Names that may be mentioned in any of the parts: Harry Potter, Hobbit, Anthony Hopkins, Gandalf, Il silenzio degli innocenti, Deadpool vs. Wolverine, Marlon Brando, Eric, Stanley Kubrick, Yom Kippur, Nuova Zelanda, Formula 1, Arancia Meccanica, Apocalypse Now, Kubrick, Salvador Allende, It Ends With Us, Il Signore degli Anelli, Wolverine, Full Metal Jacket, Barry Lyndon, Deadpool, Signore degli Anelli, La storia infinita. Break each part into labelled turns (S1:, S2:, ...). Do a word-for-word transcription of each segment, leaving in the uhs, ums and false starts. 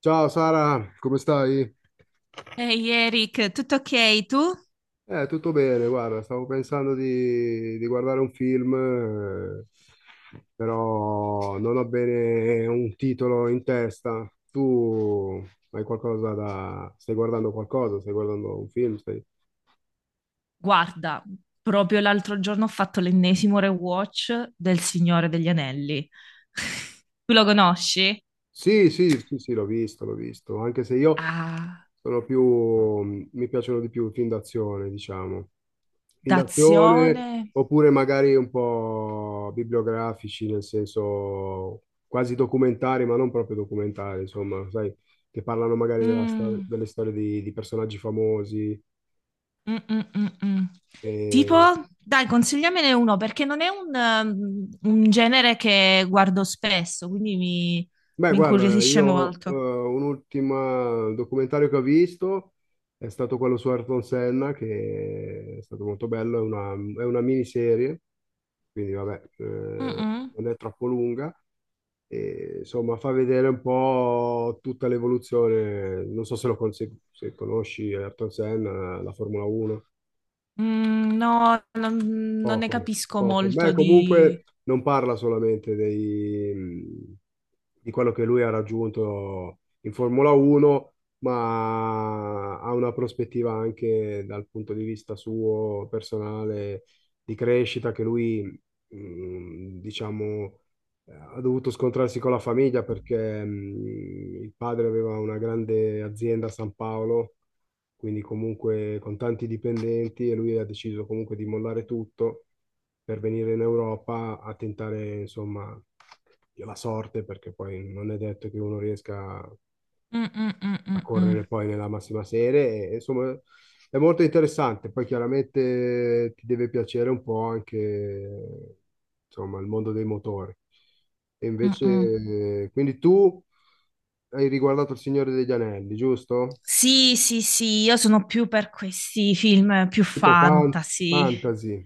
S1: Ciao Sara, come stai?
S2: Ehi Eric, tutto ok tu?
S1: Eh, tutto bene, guarda, stavo pensando di, di guardare un film, eh, però non ho bene un titolo in testa. Tu hai qualcosa da... Stai guardando qualcosa? Stai guardando un film? Stai...
S2: Guarda, proprio l'altro giorno ho fatto l'ennesimo rewatch del Signore degli Anelli. Tu lo conosci?
S1: Sì, sì, sì, sì, l'ho visto, l'ho visto, anche se io
S2: Ah,
S1: sono più, mi piacciono di più i film d'azione, diciamo. Film d'azione
S2: d'azione.
S1: oppure magari un po' bibliografici, nel senso quasi documentari, ma non proprio documentari, insomma, sai, che parlano magari della stor-
S2: Mm,
S1: delle storie di, di personaggi famosi.
S2: mm, mm, mm, mm. Tipo,
S1: E
S2: dai, consigliamene uno perché non è un, um, un genere che guardo spesso, quindi mi,
S1: beh,
S2: mi
S1: guarda,
S2: incuriosisce
S1: io eh,
S2: molto.
S1: un ultimo documentario che ho visto è stato quello su Ayrton Senna, che è stato molto bello, è una, è una miniserie, quindi vabbè,
S2: Mm,
S1: eh,
S2: mm.
S1: non è troppo lunga, e insomma fa vedere un po' tutta l'evoluzione, non so se lo con- se- se conosci Ayrton Senna, la Formula uno.
S2: Mm, no, non non ne
S1: Poco,
S2: capisco
S1: poco. Beh,
S2: molto di...
S1: comunque non parla solamente dei- di quello che lui ha raggiunto in Formula uno, ma ha una prospettiva anche dal punto di vista suo personale di crescita che lui, mh, diciamo, eh, ha dovuto scontrarsi con la famiglia perché, mh, il padre aveva una grande azienda a San Paolo, quindi comunque con tanti dipendenti, e lui ha deciso comunque di mollare tutto per venire in Europa a tentare, insomma, la sorte, perché poi non è detto che uno riesca
S2: Mm, mm, mm,
S1: a
S2: mm,
S1: correre
S2: mm,
S1: poi nella massima serie, e, insomma, è molto interessante. Poi chiaramente ti deve piacere un po' anche, insomma, il mondo dei motori. E
S2: mm,
S1: invece,
S2: mm.
S1: eh, quindi tu hai riguardato Il Signore degli Anelli, giusto?
S2: Sì, sì, sì, io sono più per questi film più
S1: Tipo fan-
S2: fantasy.
S1: fantasy.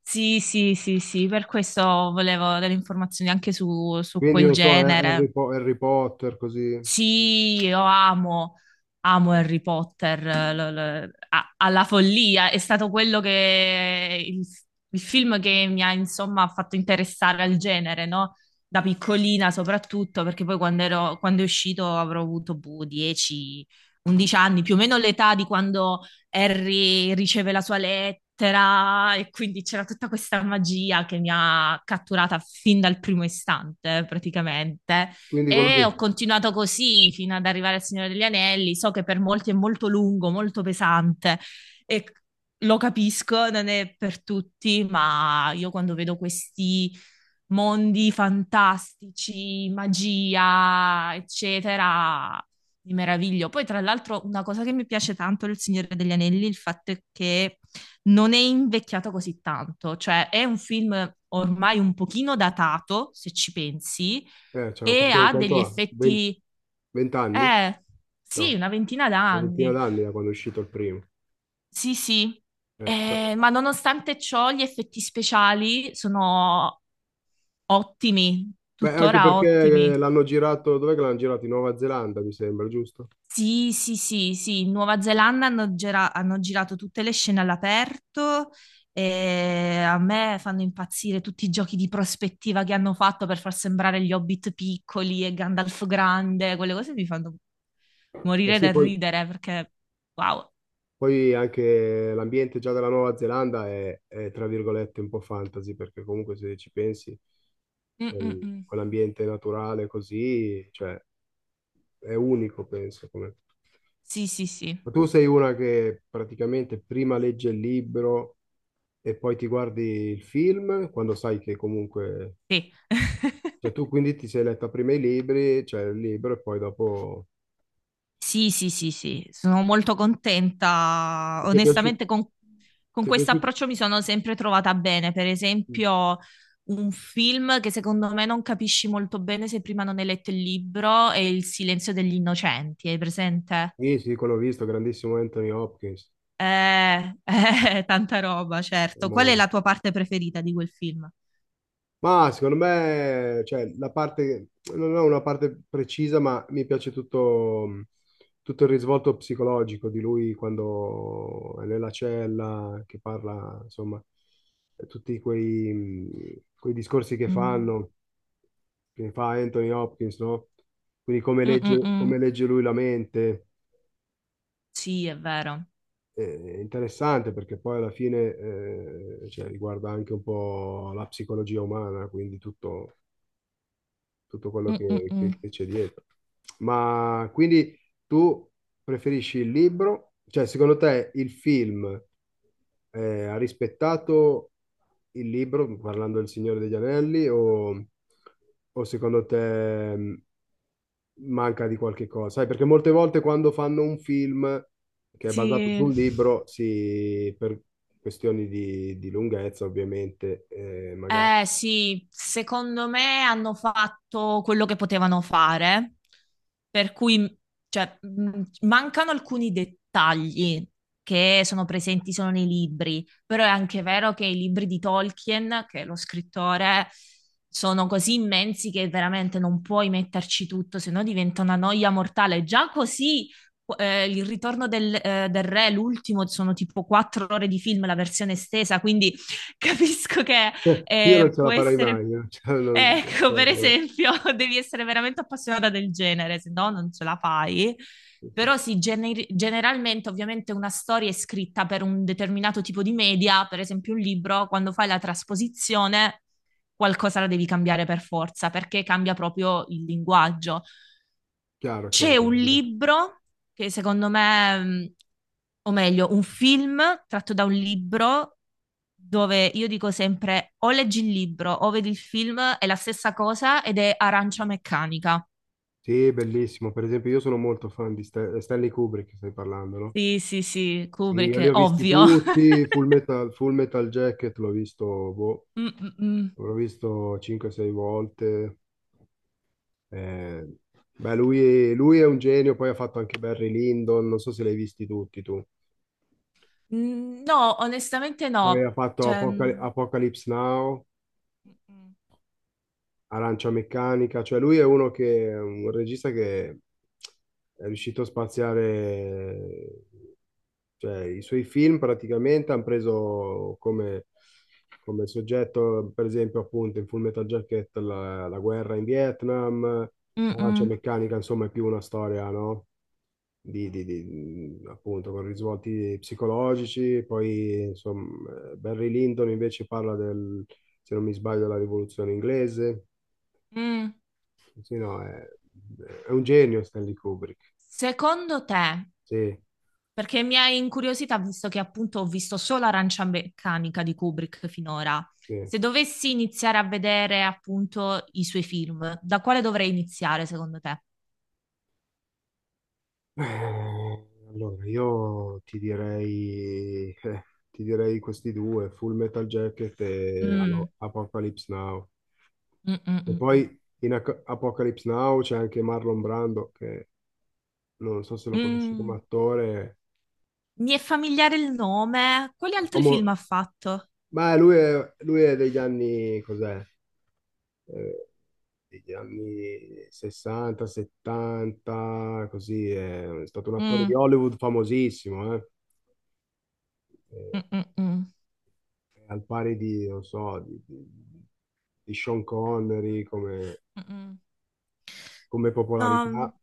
S2: Sì, sì, sì, sì, per questo volevo delle informazioni anche su, su
S1: Quindi
S2: quel
S1: non so, eh, Harry,
S2: genere.
S1: Po- Harry Potter, così.
S2: Sì, io amo, amo Harry Potter eh, lo- lo- a- alla follia. È stato quello che il, il film che mi ha insomma fatto interessare al genere, no? Da piccolina soprattutto, perché poi quando ero- quando è uscito avrò avuto boh, dieci, undici anni, più o meno l'età di quando Harry riceve la sua lettera, e quindi c'era tutta questa magia che mi ha catturata fin dal primo istante, praticamente.
S1: Quindi quello
S2: E
S1: che...
S2: ho continuato così fino ad arrivare al Signore degli Anelli. So che per molti è molto lungo, molto pesante, e lo capisco, non è per tutti, ma io quando vedo questi mondi fantastici, magia, eccetera, mi meraviglio. Poi, tra l'altro, una cosa che mi piace tanto del Signore degli Anelli è il fatto è che non è invecchiato così tanto, cioè è un film ormai un pochino datato, se ci pensi,
S1: Eh, cioè,
S2: e
S1: quanto,
S2: ha degli
S1: quanto ha?
S2: effetti,
S1: venti anni?
S2: eh sì,
S1: No,
S2: una ventina
S1: una ventina
S2: d'anni.
S1: d'anni da quando è uscito il primo.
S2: Sì, sì.
S1: Eh,
S2: Eh, ma nonostante ciò, gli effetti speciali sono ottimi,
S1: Beh, anche
S2: tuttora
S1: perché
S2: ottimi.
S1: l'hanno girato... Dov'è che l'hanno girato? In Nuova Zelanda, mi sembra, giusto?
S2: Sì, sì, sì, sì. In Nuova Zelanda hanno, gira- hanno girato tutte le scene all'aperto, e a me fanno impazzire tutti i giochi di prospettiva che hanno fatto per far sembrare gli Hobbit piccoli e Gandalf grande. Quelle cose mi fanno
S1: Eh
S2: morire
S1: sì,
S2: dal
S1: poi,
S2: ridere perché, wow.
S1: poi anche l'ambiente già della Nuova Zelanda è, è, tra virgolette, un po' fantasy, perché comunque se ci pensi,
S2: Mm, mm,
S1: quel-
S2: mm.
S1: quell'ambiente naturale così, cioè, è unico, penso, come...
S2: Sì, sì, sì.
S1: Ma tu sei una che praticamente prima legge il libro e poi ti guardi il film, quando sai che comunque...
S2: Sì.
S1: Cioè tu quindi ti sei letta prima i libri, cioè il libro e poi dopo...
S2: Sì, sì, sì, sì, sono molto contenta.
S1: E Ti è piaciuto?
S2: Onestamente, con, con
S1: Ti è
S2: questo
S1: piaciuto?
S2: approccio mi sono sempre trovata bene. Per esempio, un film che secondo me non capisci molto bene se prima non hai letto il libro è Il silenzio degli innocenti. Hai presente?
S1: Sì, sì, quello ho visto, grandissimo Anthony Hopkins.
S2: Eh, eh, tanta roba, certo. Qual è
S1: Mo-
S2: la tua parte preferita di quel film?
S1: Ma secondo me, cioè, la parte, non ho una parte precisa, ma mi piace tutto, tutto il risvolto psicologico di lui quando è nella cella, che parla, insomma, tutti quei, quei discorsi che
S2: Mm.
S1: fanno, che fa Anthony Hopkins, no? Quindi come
S2: Mm, mm,
S1: legge,
S2: mm.
S1: come legge lui la mente,
S2: Sì, è vero.
S1: eh, è interessante perché poi alla fine, eh, cioè, riguarda anche un po' la psicologia umana, quindi tutto tutto quello
S2: Mm, mm,
S1: che,
S2: mm.
S1: che- che c'è dietro. Ma quindi tu preferisci il libro? Cioè, secondo te il film eh, ha rispettato il libro, parlando del Signore degli Anelli, o, o secondo te, mh, manca di qualche cosa? Sai, perché molte volte quando fanno un film che è basato su
S2: Sì.
S1: un libro, si, per questioni di, di lunghezza, ovviamente, eh, magari.
S2: Eh sì, secondo me hanno fatto quello che potevano fare, per cui, cioè, mh, mancano alcuni dettagli che sono presenti solo nei libri, però è anche vero che i libri di Tolkien, che è lo scrittore, sono così immensi che veramente non puoi metterci tutto, se no diventa una noia mortale. Già così, eh, il ritorno del, eh, del re, l'ultimo, sono tipo quattro ore di film, la versione estesa, quindi... Capisco che
S1: Eh, Io non
S2: eh,
S1: ce
S2: può
S1: la farei
S2: essere,
S1: mai, io non ce la- non- non ce
S2: ecco,
S1: la-
S2: per
S1: vabbè,
S2: esempio, devi essere veramente appassionata del genere, se no non ce la fai.
S1: sì.
S2: Però
S1: Sì.
S2: sì, gener- generalmente ovviamente una storia è scritta per un determinato tipo di media, per esempio un libro; quando fai la trasposizione qualcosa la devi cambiare per forza, perché cambia proprio il linguaggio.
S1: Chiaro,
S2: C'è
S1: chiaro.
S2: un
S1: Dico.
S2: libro che secondo me, mh, o meglio, un film tratto da un libro dove io dico sempre o leggi il libro o vedi il film, è la stessa cosa, ed è Arancia Meccanica.
S1: Sì, bellissimo. Per esempio, io sono molto fan di Stan- eh, Stanley Kubrick, stai parlando, no?
S2: Sì, sì, sì,
S1: Sì, io li
S2: Kubrick,
S1: ho visti
S2: ovvio.
S1: tutti, Full Metal, Full Metal Jacket l'ho visto, boh,
S2: Mm, mm, mm.
S1: l'ho visto cinque o sei volte. Eh, beh, lui, lui è un genio, poi ha fatto anche Barry Lyndon, non so se l'hai visti tutti tu.
S2: Mm, no, onestamente
S1: Poi
S2: no.
S1: ha fatto
S2: Cioè,
S1: Apocal-
S2: mm,
S1: Apocalypse Now. Arancia Meccanica, cioè lui è uno che è un regista che è riuscito a spaziare, cioè i suoi film praticamente hanno preso come, come soggetto, per esempio, appunto in Full Metal Jacket la, la guerra in Vietnam.
S2: mm,
S1: L'Arancia
S2: mm,
S1: Meccanica, insomma, è più una storia, no? Di, di- di- appunto con risvolti psicologici, poi insomma, eh, Barry Lyndon invece parla del, se non mi sbaglio, della rivoluzione inglese.
S2: mm.
S1: Sì, no, è, è un genio Stanley Kubrick.
S2: Secondo te.
S1: Sì,
S2: Perché mi ha incuriosita, visto che appunto ho visto solo Arancia Meccanica di Kubrick finora.
S1: sì.
S2: Se dovessi iniziare a vedere appunto i suoi film, da quale dovrei iniziare secondo te?
S1: Eh, Allora, io ti direi, eh, ti direi questi due, Full Metal Jacket e
S2: Mm,
S1: allo- Apocalypse Now.
S2: mm, mm,
S1: E
S2: mm, mm.
S1: poi in Ac- Apocalypse Now c'è anche Marlon Brando, che non so se lo conosci come
S2: Mm,
S1: attore.
S2: mi è familiare il nome. Quali altri
S1: Omo-
S2: film ha fatto?
S1: ma lui è, lui è degli anni, cos'è? Eh, degli anni sessanta, settanta, così, è stato un attore
S2: Mm,
S1: di Hollywood famosissimo, eh.
S2: mm,
S1: Eh,
S2: mm, mm,
S1: al pari di, non so, di, di- di Sean Connery come,
S2: mm, mm.
S1: come
S2: No.
S1: popolarità.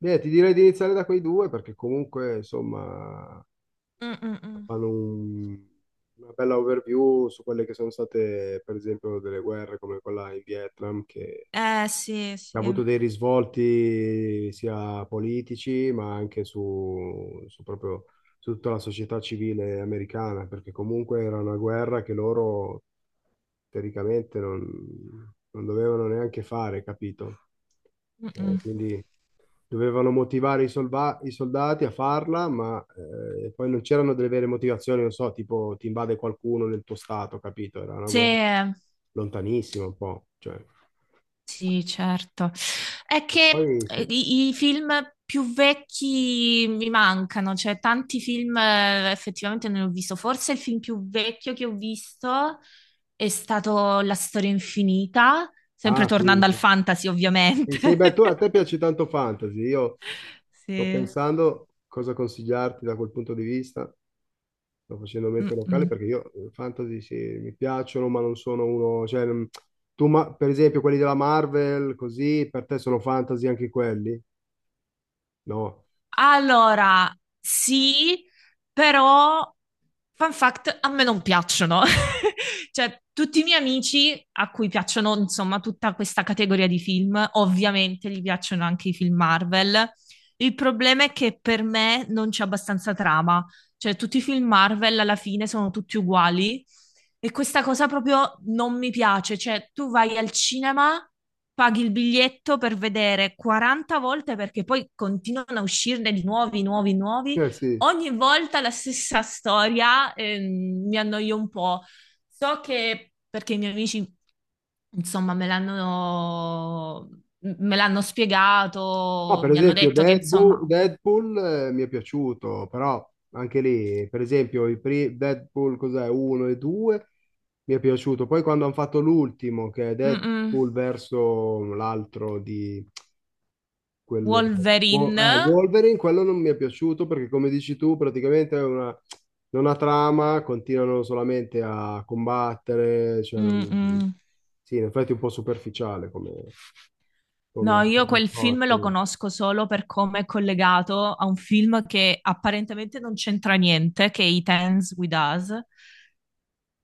S1: Beh, ti direi di iniziare da quei due perché comunque, insomma,
S2: Mm, mm, mm.
S1: fanno un- una bella overview su quelle che sono state, per esempio, delle guerre come quella in Vietnam, che
S2: Eh sì,
S1: ha
S2: sì. Mm,
S1: avuto dei risvolti sia politici, ma anche su, su proprio su tutta la società civile americana, perché comunque era una guerra che loro teoricamente non, non dovevano neanche fare, capito? Cioè,
S2: mm.
S1: quindi dovevano motivare i, solva- i soldati a farla, ma eh, poi non c'erano delle vere motivazioni, non so, tipo ti invade qualcuno nel tuo stato, capito? Era una guerra
S2: Sì.
S1: lontanissima un po', cioè.
S2: Sì, certo. È
S1: E
S2: che
S1: poi
S2: eh,
S1: sì,
S2: i, i film più vecchi mi mancano, cioè tanti film eh, effettivamente non li ho visto. Forse il film più vecchio che ho visto è stato La storia infinita, sempre
S1: ah, sì.
S2: tornando al fantasy,
S1: Sì,
S2: ovviamente.
S1: sì, beh, tu- a te piace tanto fantasy. Io sto
S2: Sì.
S1: pensando cosa consigliarti da quel punto di vista. Sto facendo mente locale
S2: Mm-mm.
S1: perché io eh, fantasy sì, mi piacciono, ma non sono uno. Cioè, non- tu, ma- per esempio, quelli della Marvel, così, per te sono fantasy anche quelli? No.
S2: Allora, sì, però, fun fact, a me non piacciono. Cioè, tutti i miei amici a cui piacciono, insomma, tutta questa categoria di film, ovviamente gli piacciono anche i film Marvel. Il problema è che per me non c'è abbastanza trama. Cioè, tutti i film Marvel alla fine sono tutti uguali, e questa cosa proprio non mi piace. Cioè, tu vai al cinema, paghi il biglietto per vedere quaranta volte, perché poi continuano a uscirne di nuovi, nuovi, nuovi.
S1: Eh, sì.
S2: Ogni volta la stessa storia, ehm, mi annoio un po'. So che, perché i miei amici, insomma, me l'hanno, me l'hanno
S1: No,
S2: spiegato,
S1: per
S2: mi hanno
S1: esempio
S2: detto che,
S1: Deadpool,
S2: insomma,
S1: Deadpool, eh, mi è piaciuto, però anche lì, per esempio, i pri- Deadpool cos'è, uno e due mi è piaciuto. Poi quando hanno fatto l'ultimo, che è
S2: mm, mm,
S1: Deadpool verso l'altro di quello, Wo-
S2: Wolverine.
S1: eh, Wolverine, quello non mi è piaciuto perché come dici tu, praticamente è una, non ha trama, continuano solamente a combattere, cioè, non-
S2: Mm-mm.
S1: sì, in effetti è un po' superficiale come,
S2: No,
S1: come
S2: io
S1: come
S2: quel film lo
S1: approccio.
S2: conosco solo per come è collegato a un film che apparentemente non c'entra niente, che è It Ends With Us.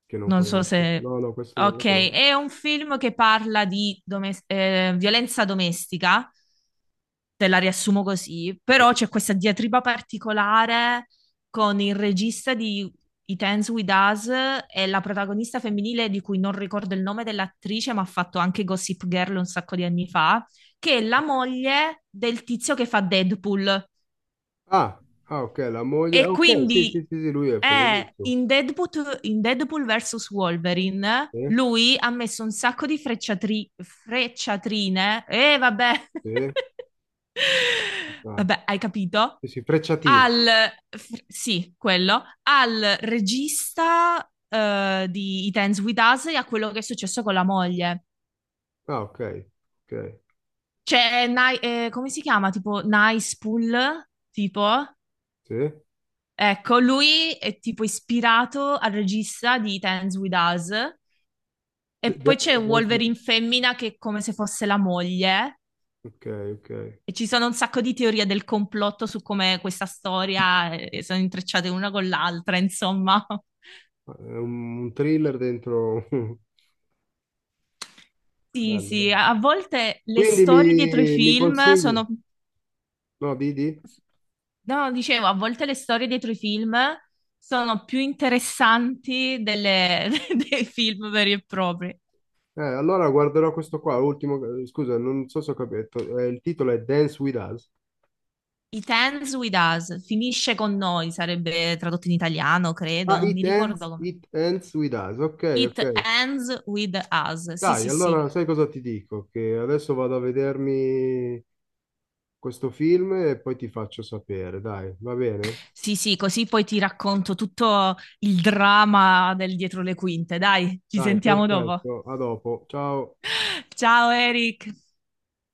S1: Che non
S2: Non so
S1: conosco.
S2: se...
S1: No, no, questo non lo
S2: Ok,
S1: conosco.
S2: è un film che parla di domes- eh, violenza domestica, te la riassumo così, però c'è questa diatriba particolare con il regista di It Ends With Us e la protagonista femminile, di cui non ricordo il nome dell'attrice, ma ha fatto anche Gossip Girl un sacco di anni fa, che è la moglie del tizio che fa Deadpool.
S1: Ah, ah, ok, la moglie. Ah,
S2: E
S1: ok, sì, sì,
S2: quindi
S1: sì, sì, lui è
S2: è
S1: famosissimo.
S2: in Deadpool, in Deadpool versus. Wolverine,
S1: Sì,
S2: lui ha messo un sacco di frecciatri- frecciatrine, e vabbè,
S1: sì, ah,
S2: vabbè, hai capito?
S1: sì, sì, Frecciatino.
S2: Al, fr- sì, quello, al regista eh, di It Ends With Us, e a quello che è successo con la moglie.
S1: Ah, ok, ok,
S2: Cioè, Ni- eh, come si chiama? Tipo Nice Pool? Tipo?
S1: sì. De-
S2: Ecco, lui è tipo ispirato al regista di Dance With Us, e
S1: de-
S2: poi c'è
S1: Dance with-
S2: Wolverine femmina che è come se fosse la moglie,
S1: ok, ok.
S2: e ci sono un sacco di teorie del complotto su come questa storia, eh, eh, sono intrecciate una con l'altra, insomma.
S1: È un, un thriller dentro...
S2: Sì,
S1: Bello,
S2: sì,
S1: bello.
S2: a a volte le
S1: Quindi
S2: storie dietro i
S1: mi, mi
S2: film
S1: consigli?
S2: sono,
S1: No, Didi?
S2: no, dicevo, a volte le storie dietro i film sono più interessanti delle- dei film veri e propri.
S1: Eh, allora guarderò questo qua, l'ultimo... eh, Scusa, non so se ho capito. eh, il titolo è Dance With Us.
S2: It Ends With Us, finisce con noi, sarebbe tradotto in italiano, credo,
S1: Ah,
S2: non mi
S1: It
S2: ricordo
S1: Ends,
S2: come.
S1: It Ends With Us. Ok,
S2: It
S1: ok.
S2: Ends With Us. Sì,
S1: Dai,
S2: sì, sì.
S1: allora sai cosa ti dico? Che adesso vado a vedermi questo film e poi ti faccio sapere. Dai, va bene?
S2: Sì, sì, così poi ti racconto tutto il dramma del dietro le quinte. Dai, ci
S1: Dai,
S2: sentiamo dopo.
S1: perfetto. A dopo. Ciao.
S2: Ciao Eric.